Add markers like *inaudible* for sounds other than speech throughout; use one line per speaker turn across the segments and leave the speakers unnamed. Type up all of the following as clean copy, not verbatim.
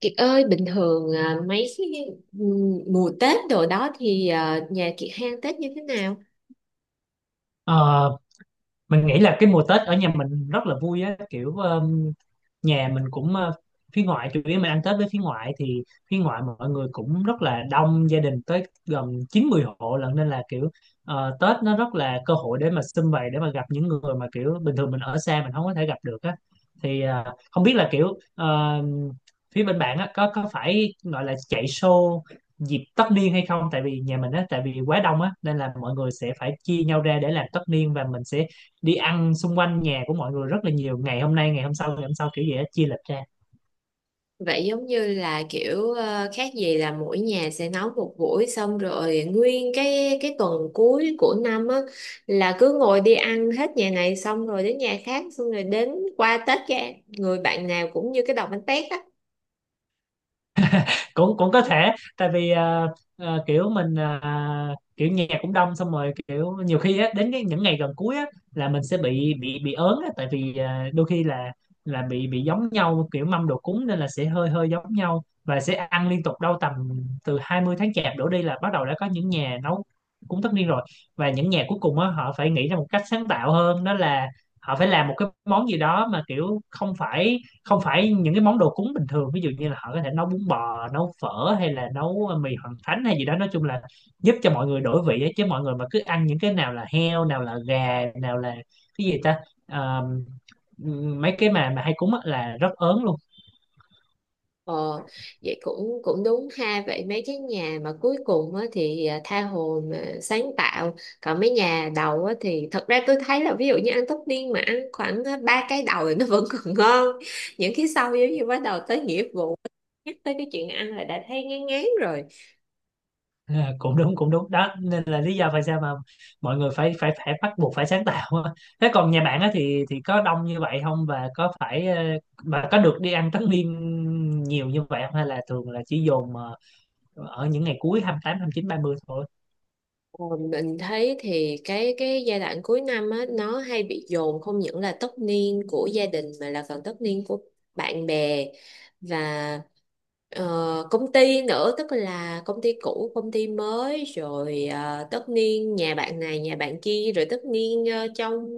Kiệt ơi, bình thường mấy cái mùa Tết đồ đó thì nhà Kiệt hang Tết như thế nào?
ờ mình nghĩ là cái mùa Tết ở nhà mình rất là vui á kiểu nhà mình cũng phía ngoại chủ yếu mình ăn Tết với phía ngoại thì phía ngoại mọi người cũng rất là đông gia đình tới gần 90 hộ lận, nên là kiểu Tết nó rất là cơ hội để mà sum vầy, để mà gặp những người mà kiểu bình thường mình ở xa mình không có thể gặp được á. Thì không biết là kiểu phía bên bạn á có phải gọi là chạy show dịp tất niên hay không, tại vì nhà mình á tại vì quá đông á nên là mọi người sẽ phải chia nhau ra để làm tất niên, và mình sẽ đi ăn xung quanh nhà của mọi người rất là nhiều, ngày hôm nay ngày hôm sau ngày hôm sau, kiểu gì đó chia lịch ra.
Vậy giống như là kiểu khác gì là mỗi nhà sẽ nấu một buổi, xong rồi nguyên cái tuần cuối của năm á là cứ ngồi đi ăn hết nhà này xong rồi đến nhà khác xong rồi đến qua Tết, cái người bạn nào cũng như cái đòn bánh tét á.
*laughs* cũng cũng có thể, tại vì kiểu mình kiểu nhà cũng đông xong rồi kiểu nhiều khi á, đến cái những ngày gần cuối á, là mình sẽ bị ớn á, tại vì đôi khi là bị giống nhau kiểu mâm đồ cúng, nên là sẽ hơi hơi giống nhau và sẽ ăn liên tục đâu tầm từ 20 tháng chạp đổ đi là bắt đầu đã có những nhà nấu cúng tất niên rồi. Và những nhà cuối cùng á, họ phải nghĩ ra một cách sáng tạo hơn, đó là họ phải làm một cái món gì đó mà kiểu không phải những cái món đồ cúng bình thường, ví dụ như là họ có thể nấu bún bò, nấu phở, hay là nấu mì hoằng thánh hay gì đó, nói chung là giúp cho mọi người đổi vị ấy. Chứ mọi người mà cứ ăn những cái nào là heo, nào là gà, nào là cái gì ta. Ờ, mấy cái mà hay cúng á là rất ớn luôn. *laughs*
Ờ, Vậy cũng cũng đúng ha. Vậy mấy cái nhà mà cuối cùng á thì tha hồ mà sáng tạo. Còn mấy nhà đầu á thì thật ra tôi thấy là ví dụ như ăn tất niên mà ăn khoảng ba cái đầu thì nó vẫn còn ngon, những cái sau giống như bắt đầu tới nghĩa vụ, nhắc tới cái chuyện ăn là đã thấy ngán ngán rồi.
À, cũng đúng đó, nên là lý do tại sao mà mọi người phải phải phải bắt buộc phải sáng tạo á. Thế còn nhà bạn á thì có đông như vậy không, và có phải mà có được đi ăn tất niên nhiều như vậy không, hay là thường là chỉ dồn ở những ngày cuối, hai hai tám, hai mươi chín, ba mươi thôi.
Ờ, Mình thấy thì cái giai đoạn cuối năm á nó hay bị dồn, không những là tất niên của gia đình mà là còn tất niên của bạn bè và công ty nữa, tức là công ty cũ, công ty mới, rồi tất niên nhà bạn này nhà bạn kia, rồi tất niên trong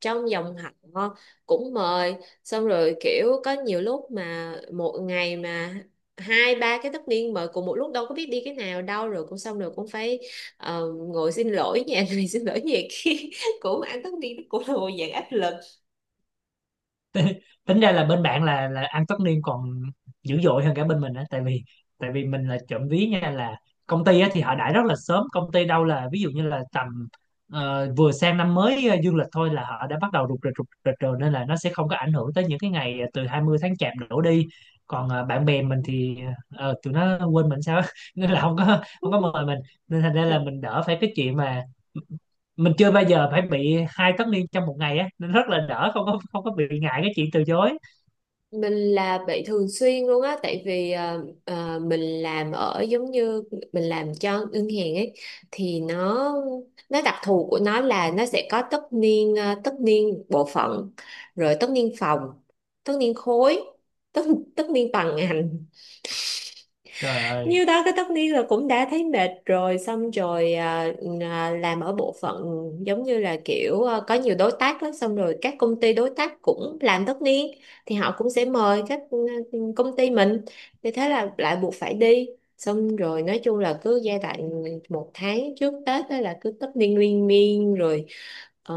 trong dòng họ cũng mời. Xong rồi kiểu có nhiều lúc mà một ngày mà hai ba cái tất niên mời cùng một lúc, đâu có biết đi cái nào đâu, rồi cũng xong rồi cũng phải ngồi xin lỗi *laughs* nhà này, xin lỗi nhà kia *laughs* cũng ăn tất niên cũng là một dạng áp lực.
Tính ra là bên bạn là ăn tất niên còn dữ dội hơn cả bên mình á, tại vì mình là trộm ví nha, là công ty á thì họ đãi rất là sớm, công ty đâu là ví dụ như là tầm vừa sang năm mới dương lịch thôi là họ đã bắt đầu rục rịch rồi, nên là nó sẽ không có ảnh hưởng tới những cái ngày từ 20 tháng chạp đổ đi. Còn bạn bè mình thì tụi nó quên mình sao á. *laughs* nên là không có mời mình, nên thành ra là mình đỡ phải cái chuyện mà mình chưa bao giờ phải bị hai tất niên trong một ngày á, nên rất là đỡ, không có bị ngại cái chuyện từ chối.
Mình là bị thường xuyên luôn á, tại vì mình làm ở giống như mình làm cho ngân hàng ấy, thì nó đặc thù của nó là nó sẽ có tất niên, tất niên bộ phận, rồi tất niên phòng, tất niên khối, tất tất niên toàn ngành.
Trời ơi!
Nhiêu đó cái tất niên là cũng đã thấy mệt rồi. Xong rồi làm ở bộ phận giống như là kiểu có nhiều đối tác lắm, xong rồi các công ty đối tác cũng làm tất niên thì họ cũng sẽ mời các công ty mình, thì thế là lại buộc phải đi. Xong rồi nói chung là cứ giai đoạn một tháng trước Tết đó là cứ tất niên liên miên rồi. ờ,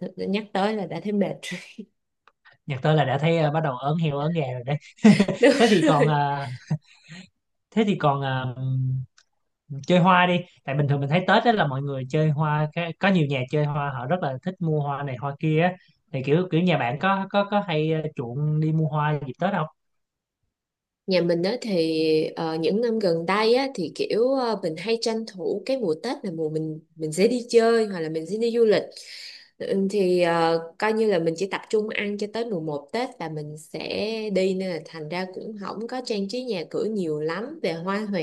Nhắc tới là đã thấy mệt rồi.
Nhắc tới là đã thấy bắt đầu ớn heo ớn gà rồi đấy. *laughs*
*laughs* Đúng
thế thì còn
rồi.
à, Thế thì còn à, chơi hoa đi, tại bình thường mình thấy Tết đó là mọi người chơi hoa có nhiều nhà chơi hoa họ rất là thích mua hoa này hoa kia á, thì kiểu kiểu nhà bạn có hay chuộng đi mua hoa dịp Tết không?
Nhà mình á thì những năm gần đây á thì kiểu mình hay tranh thủ cái mùa Tết là mùa mình sẽ đi chơi hoặc là mình sẽ đi du lịch. Ừ, thì coi như là mình chỉ tập trung ăn cho tới mùa một Tết là mình sẽ đi, nên là thành ra cũng không có trang trí nhà cửa nhiều lắm về hoa hòe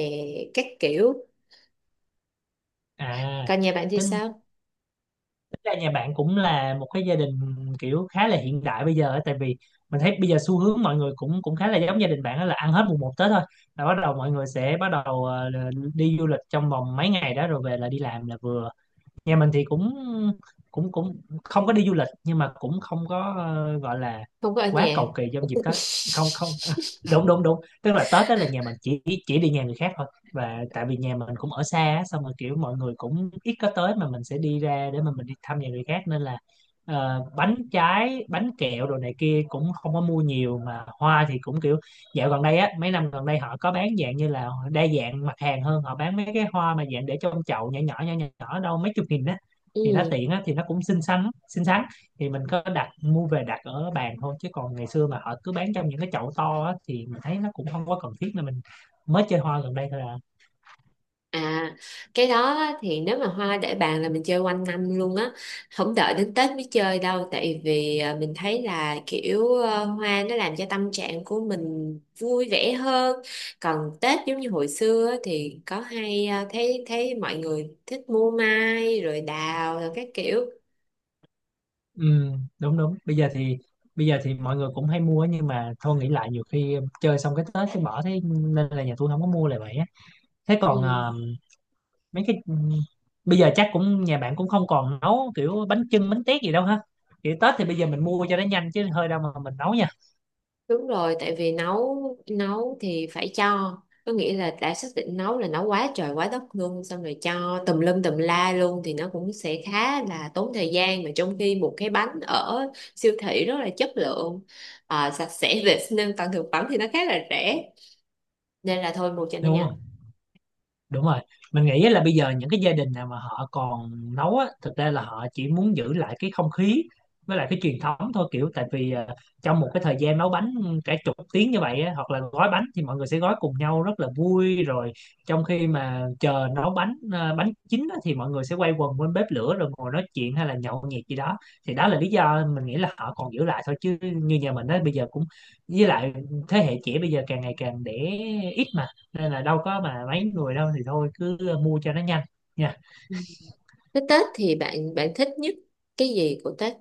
các kiểu.
À,
Còn nhà bạn thì
tính
sao?
tính ra nhà bạn cũng là một cái gia đình kiểu khá là hiện đại bây giờ á, tại vì mình thấy bây giờ xu hướng mọi người cũng cũng khá là giống gia đình bạn, đó là ăn hết mùng một Tết thôi là bắt đầu mọi người sẽ bắt đầu đi du lịch trong vòng mấy ngày đó rồi về là đi làm là vừa. Nhà mình thì cũng cũng cũng không có đi du lịch, nhưng mà cũng không có gọi là
Không có ở
quá
nhà.
cầu kỳ trong dịp Tết. Không không, à,
*laughs*
đúng đúng đúng, tức là Tết đó là nhà mình chỉ đi nhà người khác thôi, và tại vì nhà mình cũng ở xa á, xong rồi kiểu mọi người cũng ít có tới, mà mình sẽ đi ra để mà mình đi thăm nhà người khác, nên là bánh trái bánh kẹo đồ này kia cũng không có mua nhiều. Mà hoa thì cũng kiểu dạo gần đây á mấy năm gần đây họ có bán dạng như là đa dạng mặt hàng hơn, họ bán mấy cái hoa mà dạng để trong chậu nhỏ nhỏ nhỏ nhỏ nhỏ đâu mấy chục nghìn á, thì nó
Ừ.
tiện á, thì nó cũng xinh xắn xinh xắn. Thì mình có đặt mua về đặt ở bàn thôi, chứ còn ngày xưa mà họ cứ bán trong những cái chậu to á thì mình thấy nó cũng không có cần thiết, nên mình mới chơi hoa gần đây thôi à.
À, cái đó á thì nếu mà hoa để bàn là mình chơi quanh năm luôn á, không đợi đến Tết mới chơi đâu, tại vì mình thấy là kiểu hoa nó làm cho tâm trạng của mình vui vẻ hơn. Còn Tết giống như hồi xưa á thì có hay thấy thấy mọi người thích mua mai rồi đào rồi các kiểu.
Ừ, đúng đúng. Bây giờ thì mọi người cũng hay mua á, nhưng mà thôi nghĩ lại nhiều khi chơi xong cái Tết cái bỏ, thế nên là nhà tôi không có mua lại vậy á. Thế còn
Ừ.
mấy cái bây giờ chắc cũng nhà bạn cũng không còn nấu kiểu bánh chưng bánh tét gì đâu ha, kiểu Tết thì bây giờ mình mua cho nó nhanh chứ hơi đâu mà mình nấu nha,
Đúng rồi, tại vì nấu nấu thì phải cho, có nghĩa là đã xác định nấu là nấu quá trời quá đất luôn, xong rồi cho tùm lum tùm la luôn thì nó cũng sẽ khá là tốn thời gian, mà trong khi một cái bánh ở siêu thị rất là chất lượng, sạch sẽ *laughs* vệ sinh an toàn thực phẩm, thì nó khá là rẻ, nên là thôi mua cho nó
đúng
nhanh.
không? Đúng rồi. Mình nghĩ là bây giờ những cái gia đình nào mà họ còn nấu á thực ra là họ chỉ muốn giữ lại cái không khí với lại cái truyền thống thôi, kiểu tại vì à, trong một cái thời gian nấu bánh cả chục tiếng như vậy á, hoặc là gói bánh thì mọi người sẽ gói cùng nhau rất là vui rồi, trong khi mà chờ nấu bánh à, bánh chín á, thì mọi người sẽ quay quần bên bếp lửa rồi ngồi nói chuyện hay là nhậu nhẹt gì đó. Thì đó là lý do mình nghĩ là họ còn giữ lại thôi, chứ như nhà mình á bây giờ cũng, với lại thế hệ trẻ bây giờ càng ngày càng đẻ ít mà, nên là đâu có mà mấy người đâu, thì thôi cứ mua cho nó nhanh nha.
Ừ. Thế Tết thì bạn bạn thích nhất cái gì của Tết?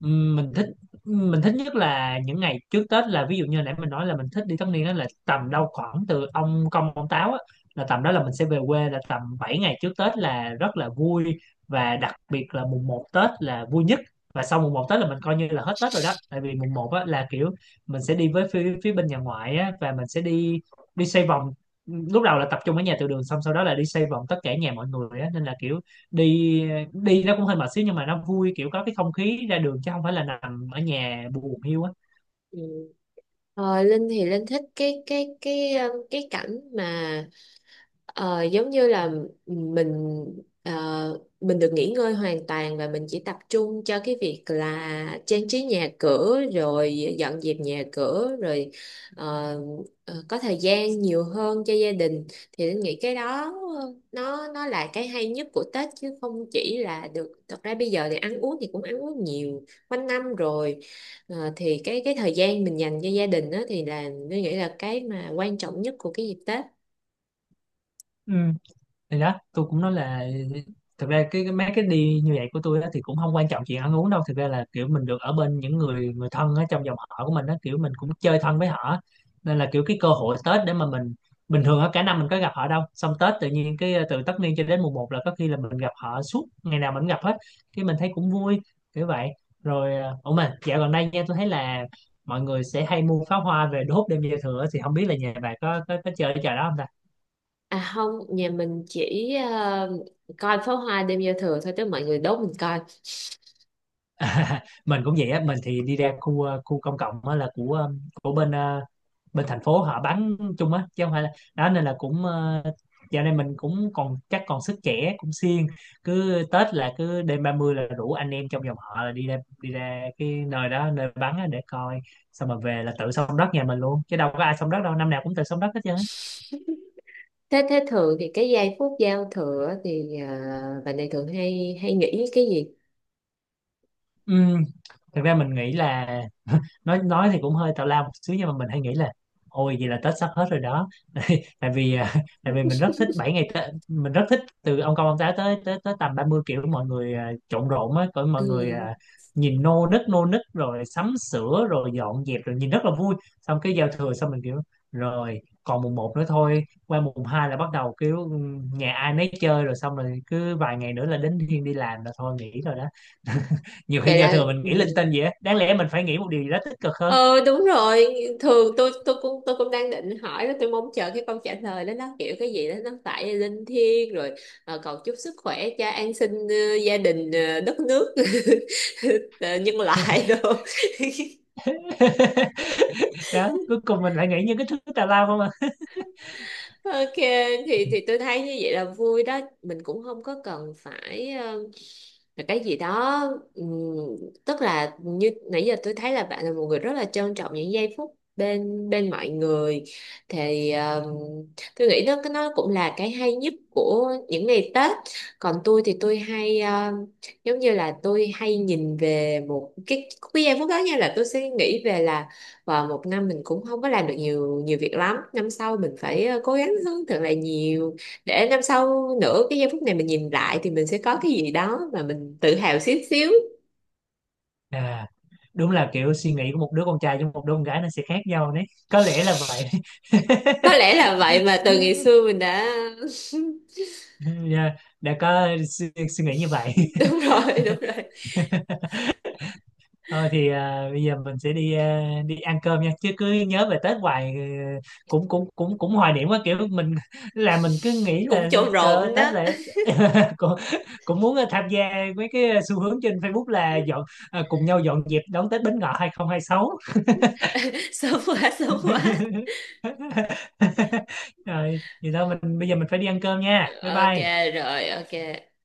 Ừm, mình thích mình thích nhất là những ngày trước Tết, là ví dụ như nãy mình nói là mình thích đi tất niên, đó là tầm đâu khoảng từ ông Công ông Táo á, là tầm đó là mình sẽ về quê, là tầm 7 ngày trước Tết là rất là vui. Và đặc biệt là mùng một Tết là vui nhất. Và sau mùng một Tết là mình coi như là hết Tết rồi đó, tại vì mùng một á là kiểu mình sẽ đi với phía bên nhà ngoại á, và mình sẽ đi đi xoay vòng. Lúc đầu là tập trung ở nhà từ đường, xong sau đó là đi xoay vòng tất cả nhà mọi người á, nên là kiểu đi đi nó cũng hơi mệt xíu, nhưng mà nó vui, kiểu có cái không khí ra đường chứ không phải là nằm ở nhà buồn hiu á.
Ừ. Linh thì Linh thích cái cảnh mà giống như là mình ờ, mình được nghỉ ngơi hoàn toàn, và mình chỉ tập trung cho cái việc là trang trí nhà cửa rồi dọn dẹp nhà cửa, rồi ờ, có thời gian nhiều hơn cho gia đình, thì Linh nghĩ cái đó nó là cái hay nhất của Tết, chứ không chỉ là được, thật ra bây giờ thì ăn uống thì cũng ăn uống nhiều quanh năm rồi. Thì cái thời gian mình dành cho gia đình đó thì là Linh nghĩ là cái mà quan trọng nhất của cái dịp Tết.
Ừ, thì đó tôi cũng nói là thực ra cái mấy cái đi như vậy của tôi á, thì cũng không quan trọng chuyện ăn uống đâu. Thực ra là kiểu mình được ở bên những người người thân ở trong dòng họ của mình á, kiểu mình cũng chơi thân với họ, nên là kiểu cái cơ hội Tết để mà mình, bình thường á cả năm mình có gặp họ đâu, xong Tết tự nhiên cái từ tất niên cho đến mùng một là có khi là mình gặp họ suốt, ngày nào mình cũng gặp hết, cái mình thấy cũng vui kiểu vậy. Rồi à, ủa mà dạo gần đây nha tôi thấy là mọi người sẽ hay mua pháo hoa về đốt đêm giao thừa á, thì không biết là nhà bà có chơi cái trò đó không ta?
À không, nhà mình chỉ coi pháo hoa đêm giao thừa thôi, tức mọi người đốt mình coi.
*laughs* Mình cũng vậy á. Mình thì đi ra khu khu công cộng á là của bên bên thành phố họ bắn chung á chứ không phải là đó, nên là cũng dạo này mình cũng còn chắc còn sức trẻ cũng siêng, cứ Tết là cứ đêm 30 là rủ anh em trong dòng họ là đi ra, đi ra cái nơi đó nơi bắn á để coi, xong mà về là tự xông đất nhà mình luôn, chứ đâu có ai xông đất đâu, năm nào cũng tự xông đất hết trơn á.
Thế thế thường thì cái giây phút giao thừa á thì bạn này thường hay hay nghĩ cái gì?
Ừ. Thực ra mình nghĩ là nói thì cũng hơi tào lao một xíu, nhưng mà mình hay nghĩ là ôi vậy là Tết sắp hết rồi đó. *laughs* tại vì à, tại vì mình
*laughs*
rất thích 7 ngày Tết. Mình rất thích từ ông công ông táo tới tới tới tầm 30, kiểu mọi người à, trộn rộn á, cỡ mọi người
Ừ.
à, nhìn nô nức rồi sắm sửa rồi dọn dẹp rồi, nhìn rất là vui. Xong cái giao thừa xong mình kiểu rồi còn mùng một nữa thôi, qua mùng 2 là bắt đầu kiểu ừ, nhà ai nấy chơi rồi, xong rồi cứ vài ngày nữa là đến thiên đi làm là thôi nghỉ rồi đó. *laughs* Nhiều khi
Vậy
giao
là
thừa mình
ừ.
nghĩ linh tinh vậy á, đáng lẽ mình phải nghĩ một điều gì đó tích cực hơn.
Ờ, đúng rồi, thường tôi cũng đang định hỏi đó, tôi mong chờ cái câu trả lời đó nó kiểu cái gì đó nó phải linh thiêng rồi, cầu chúc sức khỏe cho an sinh, gia đình, đất nước *laughs* ờ, nhân loại đồ. *laughs*
*laughs* Đó, cuối cùng mình lại nghĩ những cái thứ tào lao không à.
Ok, thì tôi thấy như vậy là vui đó, mình cũng không có cần phải là cái gì đó, ừm, tức là như nãy giờ tôi thấy là bạn là một người rất là trân trọng những giây phút bên bên mọi người, thì tôi nghĩ đó cái nó cũng là cái hay nhất của những ngày Tết. Còn tôi thì tôi hay giống như là tôi hay nhìn về một cái giây phút đó, như là tôi sẽ nghĩ về là và một năm mình cũng không có làm được nhiều nhiều việc lắm, năm sau mình phải cố gắng hơn thật là nhiều, để năm sau nữa cái giây phút này mình nhìn lại thì mình sẽ có cái gì đó mà mình tự hào xíu xíu.
À, đúng là kiểu suy nghĩ của một đứa con trai với một đứa con gái nó sẽ khác nhau đấy, có lẽ là vậy.
Có lẽ là vậy mà từ ngày xưa
*laughs*
mình đã *laughs*
Yeah, đã có suy nghĩ như vậy.
đúng rồi, đúng rồi,
*laughs* Thôi thì à, bây giờ mình sẽ đi ăn cơm nha, chứ cứ nhớ về Tết hoài, cũng cũng cũng cũng hoài niệm quá, kiểu mình *laughs* là mình cứ nghĩ
cũng
là
trộn
trời ơi
rộn đó.
Tết là *laughs* cũng, cũng muốn tham gia mấy cái xu hướng trên Facebook là cùng nhau dọn dẹp đón Tết Bính Ngọ 2026.
*laughs* Sớm quá, sớm quá.
*laughs* Rồi thì thôi, mình bây giờ mình phải đi ăn cơm nha, bye
Ok
bye.
rồi. Ok.